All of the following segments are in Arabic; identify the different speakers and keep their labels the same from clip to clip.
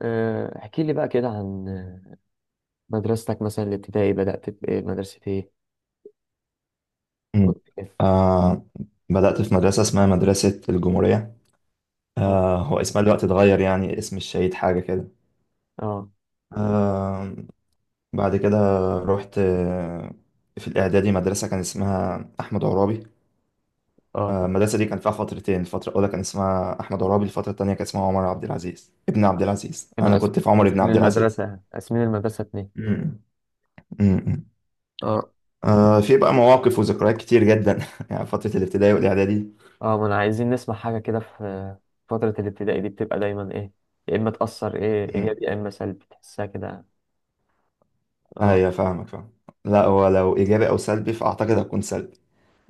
Speaker 1: احكي لي بقى كده عن مدرستك مثلا الابتدائي بدأت بإيه مدرسة إيه؟
Speaker 2: مم.
Speaker 1: وقت كده.
Speaker 2: آه بدأت في مدرسة اسمها مدرسة الجمهورية.
Speaker 1: اه،
Speaker 2: هو اسمها دلوقتي اتغير، يعني اسم الشهيد حاجة كده.
Speaker 1: اه،
Speaker 2: آه بعد كده رحت في الإعدادي مدرسة كان اسمها أحمد عرابي.
Speaker 1: اه، طب،
Speaker 2: المدرسة دي كان فيها فترتين، الفترة الأولى كان اسمها أحمد عرابي، الفترة التانية كان اسمها عمر عبد العزيز ابن عبد العزيز.
Speaker 1: كانوا
Speaker 2: أنا كنت في عمر ابن عبد العزيز.
Speaker 1: قاسمين المدرسة اتنين.
Speaker 2: امم امم
Speaker 1: اه،
Speaker 2: في بقى مواقف وذكريات كتير جدا يعني فترة الابتدائي والإعدادي.
Speaker 1: اه، ما أنا عايزين نسمع حاجة كده. في فترة الابتدائي دي بتبقى دايما إيه؟ يا إما تأثر إيه
Speaker 2: امم
Speaker 1: إيجابي يا إما سلبي تحسها كده. اه.
Speaker 2: أيوة، فاهمك فاهم. لا، ولو إيجابي أو سلبي فأعتقد هتكون سلبي،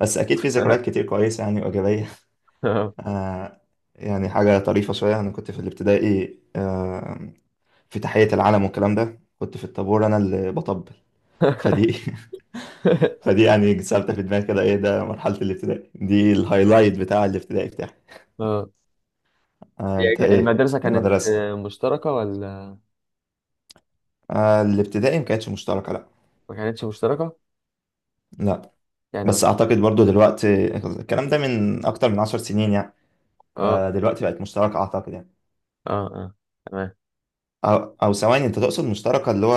Speaker 2: بس أكيد في ذكريات كتير كويسة يعني وإيجابية.
Speaker 1: اه.
Speaker 2: آه يعني حاجة طريفة شوية. أنا كنت في الابتدائي في تحية العلم والكلام ده كنت في الطابور أنا اللي بطبل. فدي فدي يعني ثابتة في دماغي كده. ايه ده، مرحلة الابتدائي دي الهايلايت بتاع الابتدائي بتاعي.
Speaker 1: اه. هي
Speaker 2: انت ايه؟
Speaker 1: المدرسة كانت
Speaker 2: المدرسة
Speaker 1: مشتركة ولا
Speaker 2: الابتدائي ما كانتش مشتركة، لا.
Speaker 1: ما كانتش مشتركة؟
Speaker 2: لا،
Speaker 1: يعني
Speaker 2: بس اعتقد برضو دلوقتي الكلام ده من اكتر من 10 سنين يعني،
Speaker 1: اه، اه،
Speaker 2: فدلوقتي بقت مشتركة اعتقد يعني.
Speaker 1: اه، تمام،
Speaker 2: او او ثواني، انت تقصد مشتركة اللي هو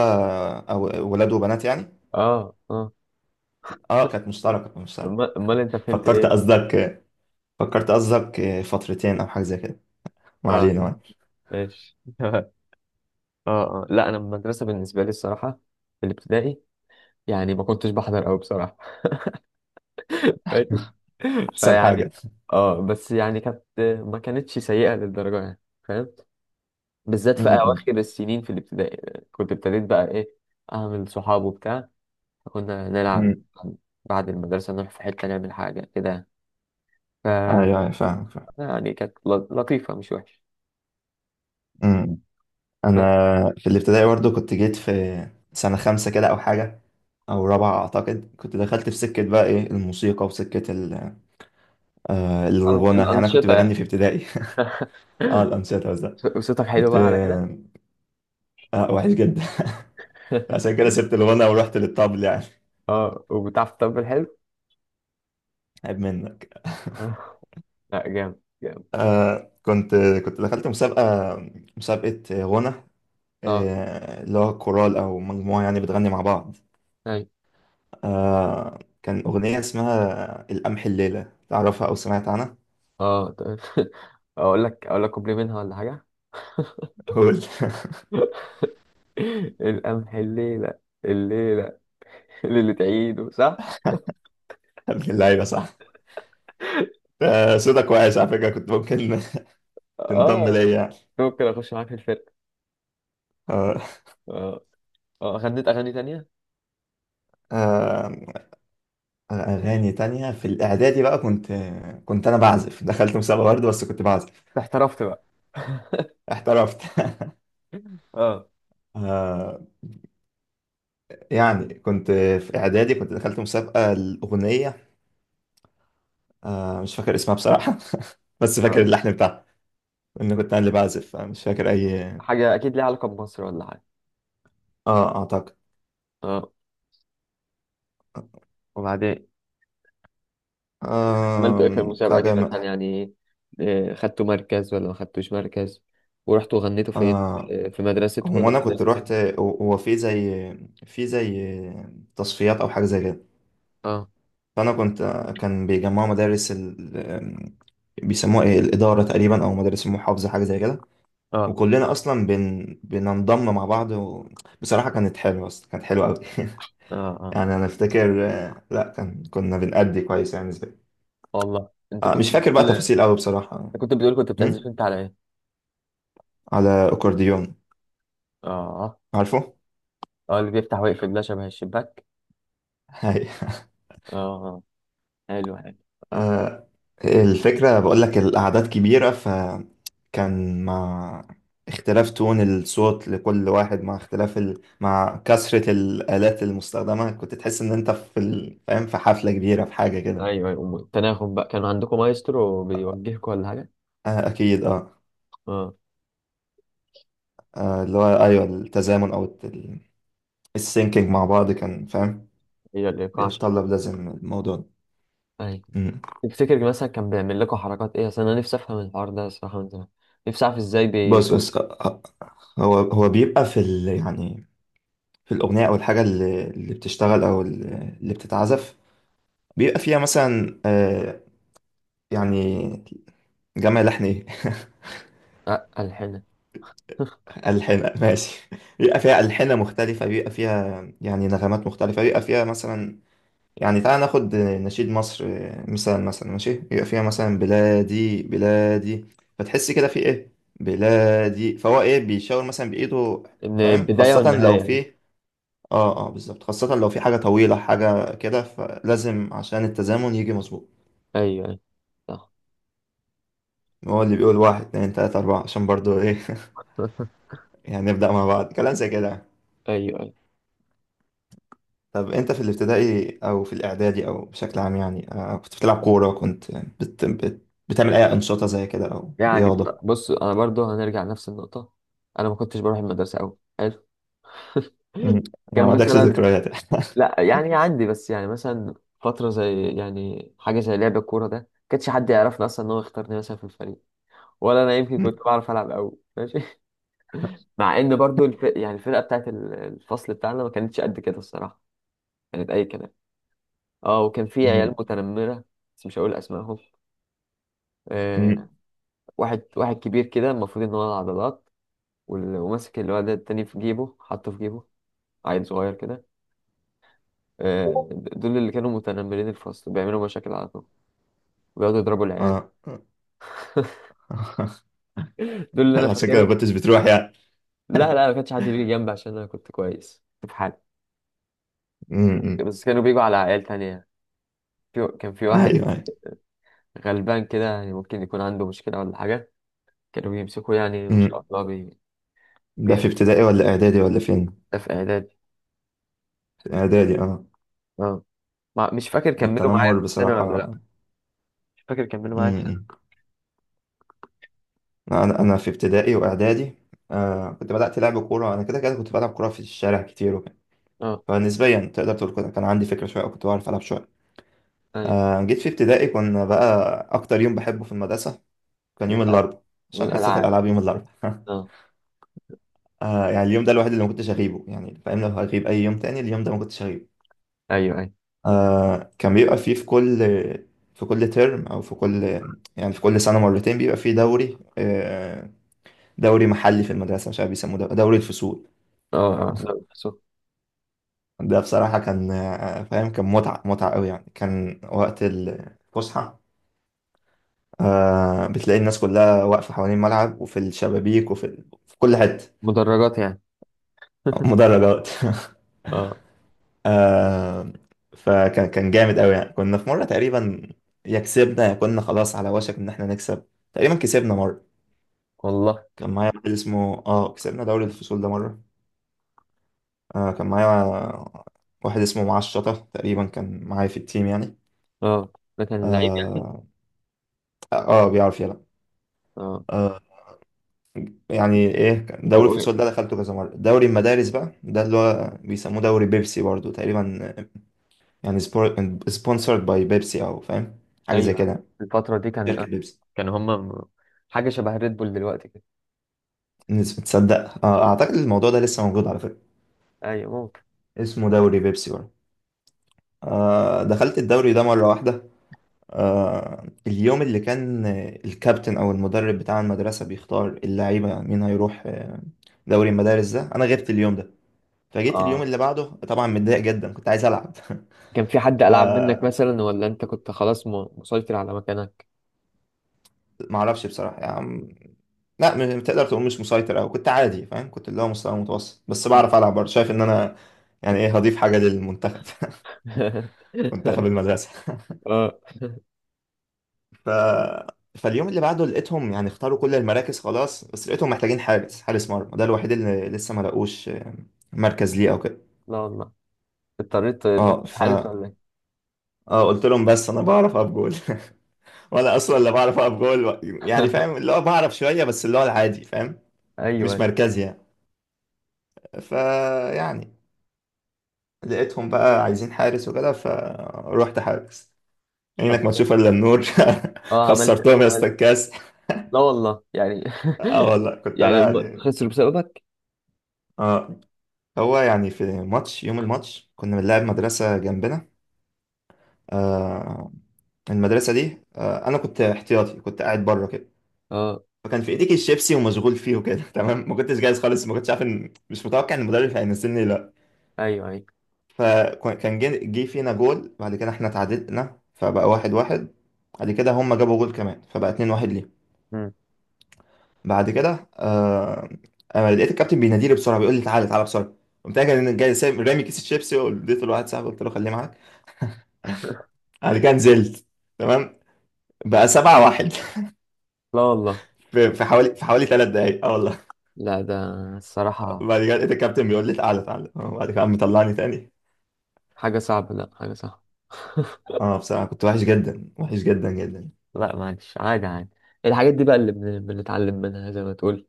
Speaker 2: او ولاد وبنات يعني؟
Speaker 1: اه، اه.
Speaker 2: اه كانت مشتركة كانت مشتركة.
Speaker 1: امال انت فهمت
Speaker 2: فكرت
Speaker 1: ايه؟
Speaker 2: قصدك، فكرت قصدك فترتين او حاجة زي كده. ما
Speaker 1: اه،
Speaker 2: علينا
Speaker 1: لا،
Speaker 2: يعني.
Speaker 1: ماشي. اه، اه، لا انا المدرسه بالنسبه لي الصراحه في الابتدائي يعني ما كنتش بحضر قوي بصراحه. ماشي.
Speaker 2: احسن حاجة.
Speaker 1: فيعني اه بس يعني كانت ما كانتش سيئه للدرجه يعني، فاهم. بالذات
Speaker 2: م-
Speaker 1: في
Speaker 2: م-
Speaker 1: اواخر السنين في الابتدائي كنت ابتديت بقى ايه، اعمل صحاب وبتاع، فكنا
Speaker 2: م.
Speaker 1: نلعب بعد المدرسه نروح في حته نعمل حاجه كده يعني. ف
Speaker 2: ايوه أيوة، فاهم فاهم.
Speaker 1: يعني كانت لطيفه، مش وحشه.
Speaker 2: م-
Speaker 1: ف-
Speaker 2: انا في الابتدائي برضه كنت جيت في سنه خمسة كده او حاجه او رابعه اعتقد. كنت دخلت في سكه بقى ايه الموسيقى وسكه الغنى يعني. انا كنت
Speaker 1: الانشطه يعني.
Speaker 2: بغني في ابتدائي. اه الانشطه، بس ده
Speaker 1: صوتك حلو
Speaker 2: كنت
Speaker 1: بقى على كده.
Speaker 2: وحش جدا. عشان كده سبت الغنى ورحت للطبل يعني.
Speaker 1: اه، وبتعرف تطبل حلو.
Speaker 2: عيب منك.
Speaker 1: آه، لا، جامد جامد.
Speaker 2: آه كنت كنت دخلت مسابقه، مسابقه غنى.
Speaker 1: اه،
Speaker 2: اللي هو كورال او مجموعه يعني بتغني مع بعض.
Speaker 1: اي،
Speaker 2: كان اغنيه اسمها القمح الليله، تعرفها او سمعت عنها؟
Speaker 1: اه، طيب. اقول لك كوبلي منها ولا حاجه؟
Speaker 2: قول.
Speaker 1: القمح الليله، الليله، اللي تعيده صح.
Speaker 2: ابن اللعيبه صح. صوتك وحش على فكره، كنت ممكن تنضم
Speaker 1: اه،
Speaker 2: ليا
Speaker 1: كنت
Speaker 2: يعني.
Speaker 1: ممكن اخش معاك في الفرقه.
Speaker 2: آه،
Speaker 1: اه، اه، غنيت اغاني تانية.
Speaker 2: آه، اغاني تانية في الاعدادي بقى. كنت انا بعزف، دخلت مسابقه برضه بس كنت بعزف.
Speaker 1: احترفت بقى.
Speaker 2: احترفت.
Speaker 1: اه،
Speaker 2: آه، يعني كنت في اعدادي كنت دخلت مسابقه الاغنيه. مش فاكر اسمها بصراحه بس فاكر
Speaker 1: اه،
Speaker 2: اللحن بتاعها لان كنت انا اللي بعزف. مش فاكر اي.
Speaker 1: حاجه اكيد ليها علاقه بمصر ولا حاجه.
Speaker 2: اه اعتقد.
Speaker 1: اه، وبعدين عملتوا
Speaker 2: آم،
Speaker 1: ايه في المسابقة دي
Speaker 2: حاجه م...
Speaker 1: مثلا يعني؟ خدتوا مركز ولا ما خدتوش مركز؟ ورحتوا غنيتوا فين؟
Speaker 2: آه
Speaker 1: في مدرستكم
Speaker 2: هو
Speaker 1: ولا في
Speaker 2: انا كنت
Speaker 1: مدرسة
Speaker 2: روحت.
Speaker 1: تانية؟
Speaker 2: هو في زي تصفيات او حاجه زي كده.
Speaker 1: اه،
Speaker 2: فانا كنت، كان بيجمعوا مدارس ال... بيسموها ايه، الاداره تقريبا او مدارس المحافظه حاجه زي كده.
Speaker 1: اه،
Speaker 2: وكلنا اصلا بن... بننضم مع بعض و... بصراحه كانت حلوه، اصلا كانت حلوه قوي.
Speaker 1: اه، اه،
Speaker 2: يعني انا افتكر، لا كنا بنأدي كويس يعني زي.
Speaker 1: والله.
Speaker 2: مش فاكر بقى تفاصيل قوي بصراحه.
Speaker 1: انت كنت بتقول كنت بتعزف
Speaker 2: أمم؟
Speaker 1: انت على ايه؟
Speaker 2: على اكورديون.
Speaker 1: اه،
Speaker 2: عارفه.
Speaker 1: اه، اللي بيفتح ويقفل ده شبه الشباك.
Speaker 2: هاي.
Speaker 1: اه، آه، حلو حلو.
Speaker 2: آه، الفكرة بقول لك الأعداد كبيرة، ف كان مع اختلاف تون الصوت لكل واحد، مع اختلاف ال... مع كثرة الآلات المستخدمة كنت تحس إن أنت في ال... فاهم في حفلة كبيرة في حاجة كده.
Speaker 1: ايوه، ايوه، التناغم بقى، كان عندكم مايسترو بيوجهكم ولا حاجة؟
Speaker 2: أكيد. أه.
Speaker 1: اه،
Speaker 2: اللي هو أيوه التزامن أو السينكينج مع بعض كان فاهم
Speaker 1: هي الايقاع شرح.
Speaker 2: بيتطلب، لازم الموضوع ده.
Speaker 1: ايوه.
Speaker 2: مم.
Speaker 1: تفتكر مثلا كان بيعمل لكم حركات ايه؟ اصل انا نفسي افهم الحوار ده الصراحة من زمان، نفسي اعرف ازاي
Speaker 2: بص بص، هو بيبقى في ال... يعني في الأغنية أو الحاجة اللي بتشتغل أو اللي اللي بتتعزف، بيبقى فيها مثلا. يعني جمع لحن إيه،
Speaker 1: ألحنها.
Speaker 2: ألحنة ماشي. بيبقى فيها ألحنة مختلفة، بيبقى فيها يعني نغمات مختلفة، بيبقى فيها مثلا يعني. تعال ناخد نشيد مصر مثال مثلا ماشي. بيبقى فيها مثلا بلادي بلادي، فتحس كده في إيه، بلادي، فهو إيه بيشاور مثلا بإيده،
Speaker 1: ان
Speaker 2: فاهم،
Speaker 1: البدايه
Speaker 2: خاصة لو
Speaker 1: والنهايه.
Speaker 2: في بالظبط، خاصة لو في حاجة طويلة حاجة كده فلازم عشان التزامن يجي مظبوط.
Speaker 1: ايوه، ايوه، صح.
Speaker 2: هو اللي بيقول واحد اتنين تلاتة أربعة عشان برضو إيه. يعني نبدأ مع بعض، كلام زي كده.
Speaker 1: ايوه، ايوه،
Speaker 2: طب انت في الابتدائي او في الاعدادي او بشكل عام يعني، كنت بتلعب كورة؟ كنت بت... بت... بتعمل اي انشطة زي كده او
Speaker 1: يعني بص
Speaker 2: رياضة؟
Speaker 1: بص، انا برضو هنرجع لنفس النقطه. انا ما كنتش بروح المدرسه قوي، حلو.
Speaker 2: مم. يعني ما
Speaker 1: كان
Speaker 2: عندكش
Speaker 1: مثلا،
Speaker 2: ذكريات؟
Speaker 1: لا يعني عندي، بس يعني مثلا فتره زي يعني حاجه زي لعب الكوره ده، كانش حد يعرفني اصلا ان هو يختارني مثلا في الفريق، ولا انا يمكن
Speaker 2: مم.
Speaker 1: كنت بعرف العب قوي، ماشي. مع ان برضو يعني الفرقه بتاعت الفصل بتاعنا ما كانتش قد كده الصراحه، كانت اي كلام. اه، وكان في عيال
Speaker 2: مم.
Speaker 1: متنمره، بس مش هقول اسمائهم.
Speaker 2: مم.
Speaker 1: آه، واحد واحد كبير كده، المفروض ان هو العضلات، وماسك اللي هو ده التاني في جيبه، حاطه في جيبه، عيل صغير كده. دول اللي كانوا متنمرين الفصل، بيعملوا مشاكل على طول، بيقعدوا يضربوا العيال.
Speaker 2: اه.
Speaker 1: دول اللي انا
Speaker 2: عشان كده ما
Speaker 1: فاكره.
Speaker 2: كنتش بتروح يعني؟
Speaker 1: لا، لا، ما كانش حد بيجي جنبي عشان انا كنت كويس، كنت في حالي.
Speaker 2: مم. مم.
Speaker 1: بس كانوا بيجوا على عيال تانية. كان في
Speaker 2: ايوه
Speaker 1: واحد
Speaker 2: ايوه.
Speaker 1: غلبان كده، يعني ممكن يكون عنده مشكلة ولا حاجة، كانوا بيمسكوه يعني ما شاء
Speaker 2: مم.
Speaker 1: الله
Speaker 2: ده
Speaker 1: بي...
Speaker 2: في ابتدائي ولا اعدادي ولا فين؟
Speaker 1: ده في إعدادي.
Speaker 2: في اعدادي اه.
Speaker 1: اه، ما... مش فاكر كملوا معايا
Speaker 2: التنمر
Speaker 1: في السنة ولا لا.
Speaker 2: بصراحة.
Speaker 1: مش فاكر كملوا معايا في السنة.
Speaker 2: مم. انا في ابتدائي واعدادي كنت بدأت لعب كورة. انا كده كده كنت بلعب كورة في الشارع كتير،
Speaker 1: اه،
Speaker 2: فنسبيا تقدر تقول كده كان عندي فكرة شوية أو كنت بعرف ألعب شوية.
Speaker 1: أي.
Speaker 2: جيت في ابتدائي كنا بقى، أكتر يوم بحبه في المدرسة كان يوم الأربعاء عشان حصة
Speaker 1: والألعاب.
Speaker 2: الألعاب يوم الأربعاء.
Speaker 1: اه،
Speaker 2: يعني اليوم ده الوحيد اللي ما كنتش أغيبه، يعني فاهم لو هغيب أي يوم تاني اليوم ده ما كنتش أغيبه.
Speaker 1: ايوه، ايوه،
Speaker 2: كان بيبقى فيه في كل ترم أو في كل، يعني في كل سنة مرتين بيبقى فيه دوري. دوري محلي في المدرسة مش عارف بيسموه ده- دوري الفصول.
Speaker 1: اه، اه، لا، بس هو
Speaker 2: ده بصراحة كان فاهم كان متعة متعة قوي يعني. كان وقت الفسحة بتلاقي الناس كلها واقفة حوالين الملعب وفي الشبابيك وفي ال... في كل حتة.
Speaker 1: مدرجات يعني.
Speaker 2: مدرجات.
Speaker 1: اه،
Speaker 2: آه فكان جامد قوي يعني. كنا في مرة تقريبا، يا كسبنا يا كنا خلاص على وشك ان احنا نكسب. تقريبا كسبنا مرة.
Speaker 1: والله.
Speaker 2: كان معايا واحد اسمه كسبنا دوري الفصول ده مرة. كان معايا واحد اسمه معاه الشطة تقريبا، كان معايا في التيم يعني.
Speaker 1: اه، ده كان لعيب يعني.
Speaker 2: اه, بيعرف يلعب.
Speaker 1: اه،
Speaker 2: آه، يعني ايه،
Speaker 1: هو-
Speaker 2: دوري
Speaker 1: هو-
Speaker 2: الفصول ده دخلته كذا مره. دوري المدارس بقى ده اللي هو بيسموه دوري بيبسي برضو تقريبا، يعني سبونسرد باي بيبسي او فاهم حاجه زي
Speaker 1: ايوه.
Speaker 2: كده.
Speaker 1: الفترة دي كان
Speaker 2: شركه
Speaker 1: آه.
Speaker 2: بيبسي.
Speaker 1: كانوا هما حاجة شبه ريد بول دلوقتي كده.
Speaker 2: تصدق اعتقد الموضوع ده لسه موجود على فكره،
Speaker 1: ايوه، ممكن.
Speaker 2: اسمه دوري بيبسي برضو. دخلت الدوري ده مره واحده. اليوم اللي كان الكابتن او المدرب بتاع المدرسه بيختار اللعيبه مين هيروح دوري المدارس ده، انا غبت اليوم ده. فجيت اليوم
Speaker 1: اه،
Speaker 2: اللي بعده طبعا متضايق جدا كنت عايز العب.
Speaker 1: كان في حد
Speaker 2: ف
Speaker 1: ألعب منك مثلا، ولا انت كنت خلاص مسيطر على مكانك؟
Speaker 2: ما اعرفش بصراحه يعني. لا، تقدر تقول مش مسيطر او كنت عادي فاهم، كنت اللي هو مستوى متوسط بس
Speaker 1: مم.
Speaker 2: بعرف العب برضه. شايف ان انا، يعني ايه، هضيف حاجه للمنتخب. منتخب المدرسه.
Speaker 1: اه،
Speaker 2: ف فاليوم اللي بعده لقيتهم يعني اختاروا كل المراكز خلاص، بس لقيتهم محتاجين حارس، حارس مرمى، ده الوحيد اللي لسه ما لقوش مركز ليه او كده.
Speaker 1: لا والله، اضطريت
Speaker 2: اه
Speaker 1: تخش
Speaker 2: ف
Speaker 1: حارس ولا ايه؟
Speaker 2: اه قلت لهم بس انا بعرف اقف جول. وانا اصلا لا بعرف اقف جول، يعني فاهم اللي هو بعرف شويه بس اللي هو العادي فاهم، مش
Speaker 1: ايوه،
Speaker 2: مركزي يعني. فيعني لقيتهم بقى عايزين حارس وكده فروحت حارس.
Speaker 1: طب.
Speaker 2: عينك ما تشوف الا النور.
Speaker 1: اه،
Speaker 2: خسرتهم يا اسطى
Speaker 1: عملت؟
Speaker 2: الكاس.
Speaker 1: لا والله يعني.
Speaker 2: اه والله كنت انا
Speaker 1: يعني هم
Speaker 2: يعني.
Speaker 1: خسروا بسببك؟
Speaker 2: اه هو يعني في ماتش، يوم الماتش كنا بنلعب مدرسة جنبنا. آه المدرسة دي انا كنت احتياطي كنت قاعد بره كده.
Speaker 1: اه،
Speaker 2: فكان في ايديك الشيبسي ومشغول فيه وكده. تمام، ما كنتش جاهز خالص، ما كنتش عارف ان مش متوقع ان المدرب هينزلني.
Speaker 1: ايوه، ايوه.
Speaker 2: فكان جه فينا جول. بعد كده احنا تعادلنا فبقى 1-1. بعد كده هم جابوا جول كمان فبقى 2-1 ليه.
Speaker 1: مم.
Speaker 2: بعد كده انا لقيت الكابتن بيناديلي بسرعه بيقول لي تعالى تعالى بسرعه. قمت انا جاي جاي رامي كيس الشيبسي واديته لواحد صاحبي قلت له خليه معاك. بعد كده نزلت، تمام، بقى 7-1.
Speaker 1: لا والله.
Speaker 2: في حوالي 3 دقايق اه والله.
Speaker 1: لا، ده الصراحة
Speaker 2: بعد كده لقيت الكابتن بيقول لي تعالى تعالى بعد كده قام مطلعني تاني.
Speaker 1: حاجة صعبة، لا، حاجة صعبة.
Speaker 2: اه بصراحة كنت وحش جدا وحش جدا جدا.
Speaker 1: لا معلش، عادي عادي. الحاجات دي بقى اللي بنتعلم منها زي ما تقول،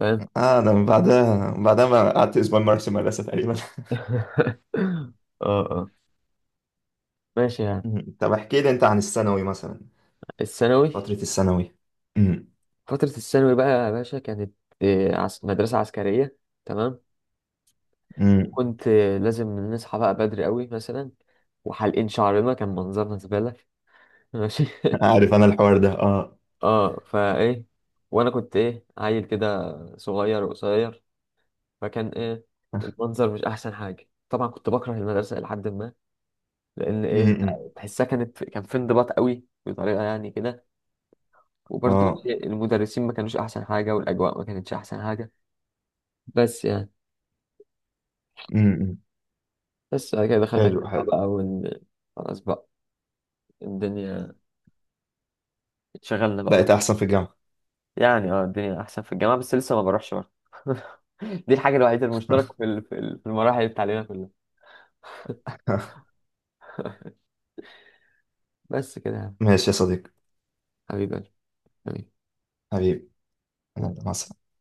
Speaker 1: فاهم.
Speaker 2: اه انا من بعدها، من بعدها ما قعدت اسبوع ما اعرفش المدرسة تقريبا.
Speaker 1: اه، اه، ماشي يعني.
Speaker 2: مم. طب احكي لي انت عن الثانوي مثلا؟
Speaker 1: الثانوي.
Speaker 2: فترة الثانوي. مم.
Speaker 1: فترة الثانوي بقى يا باشا كانت مدرسة عسكرية. تمام.
Speaker 2: مم.
Speaker 1: وكنت لازم نصحى بقى بدري قوي مثلا، وحالقين شعرنا، كان منظرنا زبالة. ماشي.
Speaker 2: عارف انا الحوار ده اه.
Speaker 1: اه، فايه، وانا كنت ايه، عيل كده صغير وقصير، فكان ايه، المنظر مش احسن حاجه طبعا، كنت بكره المدرسه الى حد ما، لان ايه،
Speaker 2: مم.
Speaker 1: تحسها كان في انضباط قوي بطريقه يعني كده. وبرضو
Speaker 2: اه.
Speaker 1: إيه، المدرسين ما كانوش احسن حاجه، والاجواء ما كانتش احسن حاجه. بس يعني،
Speaker 2: مم.
Speaker 1: بس بعد كده دخلنا
Speaker 2: حلو
Speaker 1: الجامعه
Speaker 2: حلو.
Speaker 1: بقى. خلاص بقى، الدنيا، اتشغلنا بقى.
Speaker 2: بقيت احسن في الجامعة؟
Speaker 1: يعني اه، الدنيا احسن في الجامعه، بس لسه ما بروحش برضه. دي الحاجه الوحيده المشتركه في المراحل التعليميه كلها. بس كده يا
Speaker 2: ماشي يا صديقي.
Speaker 1: حبيبي، حبيبي.
Speaker 2: حبيبي. يلا، مع السلامة.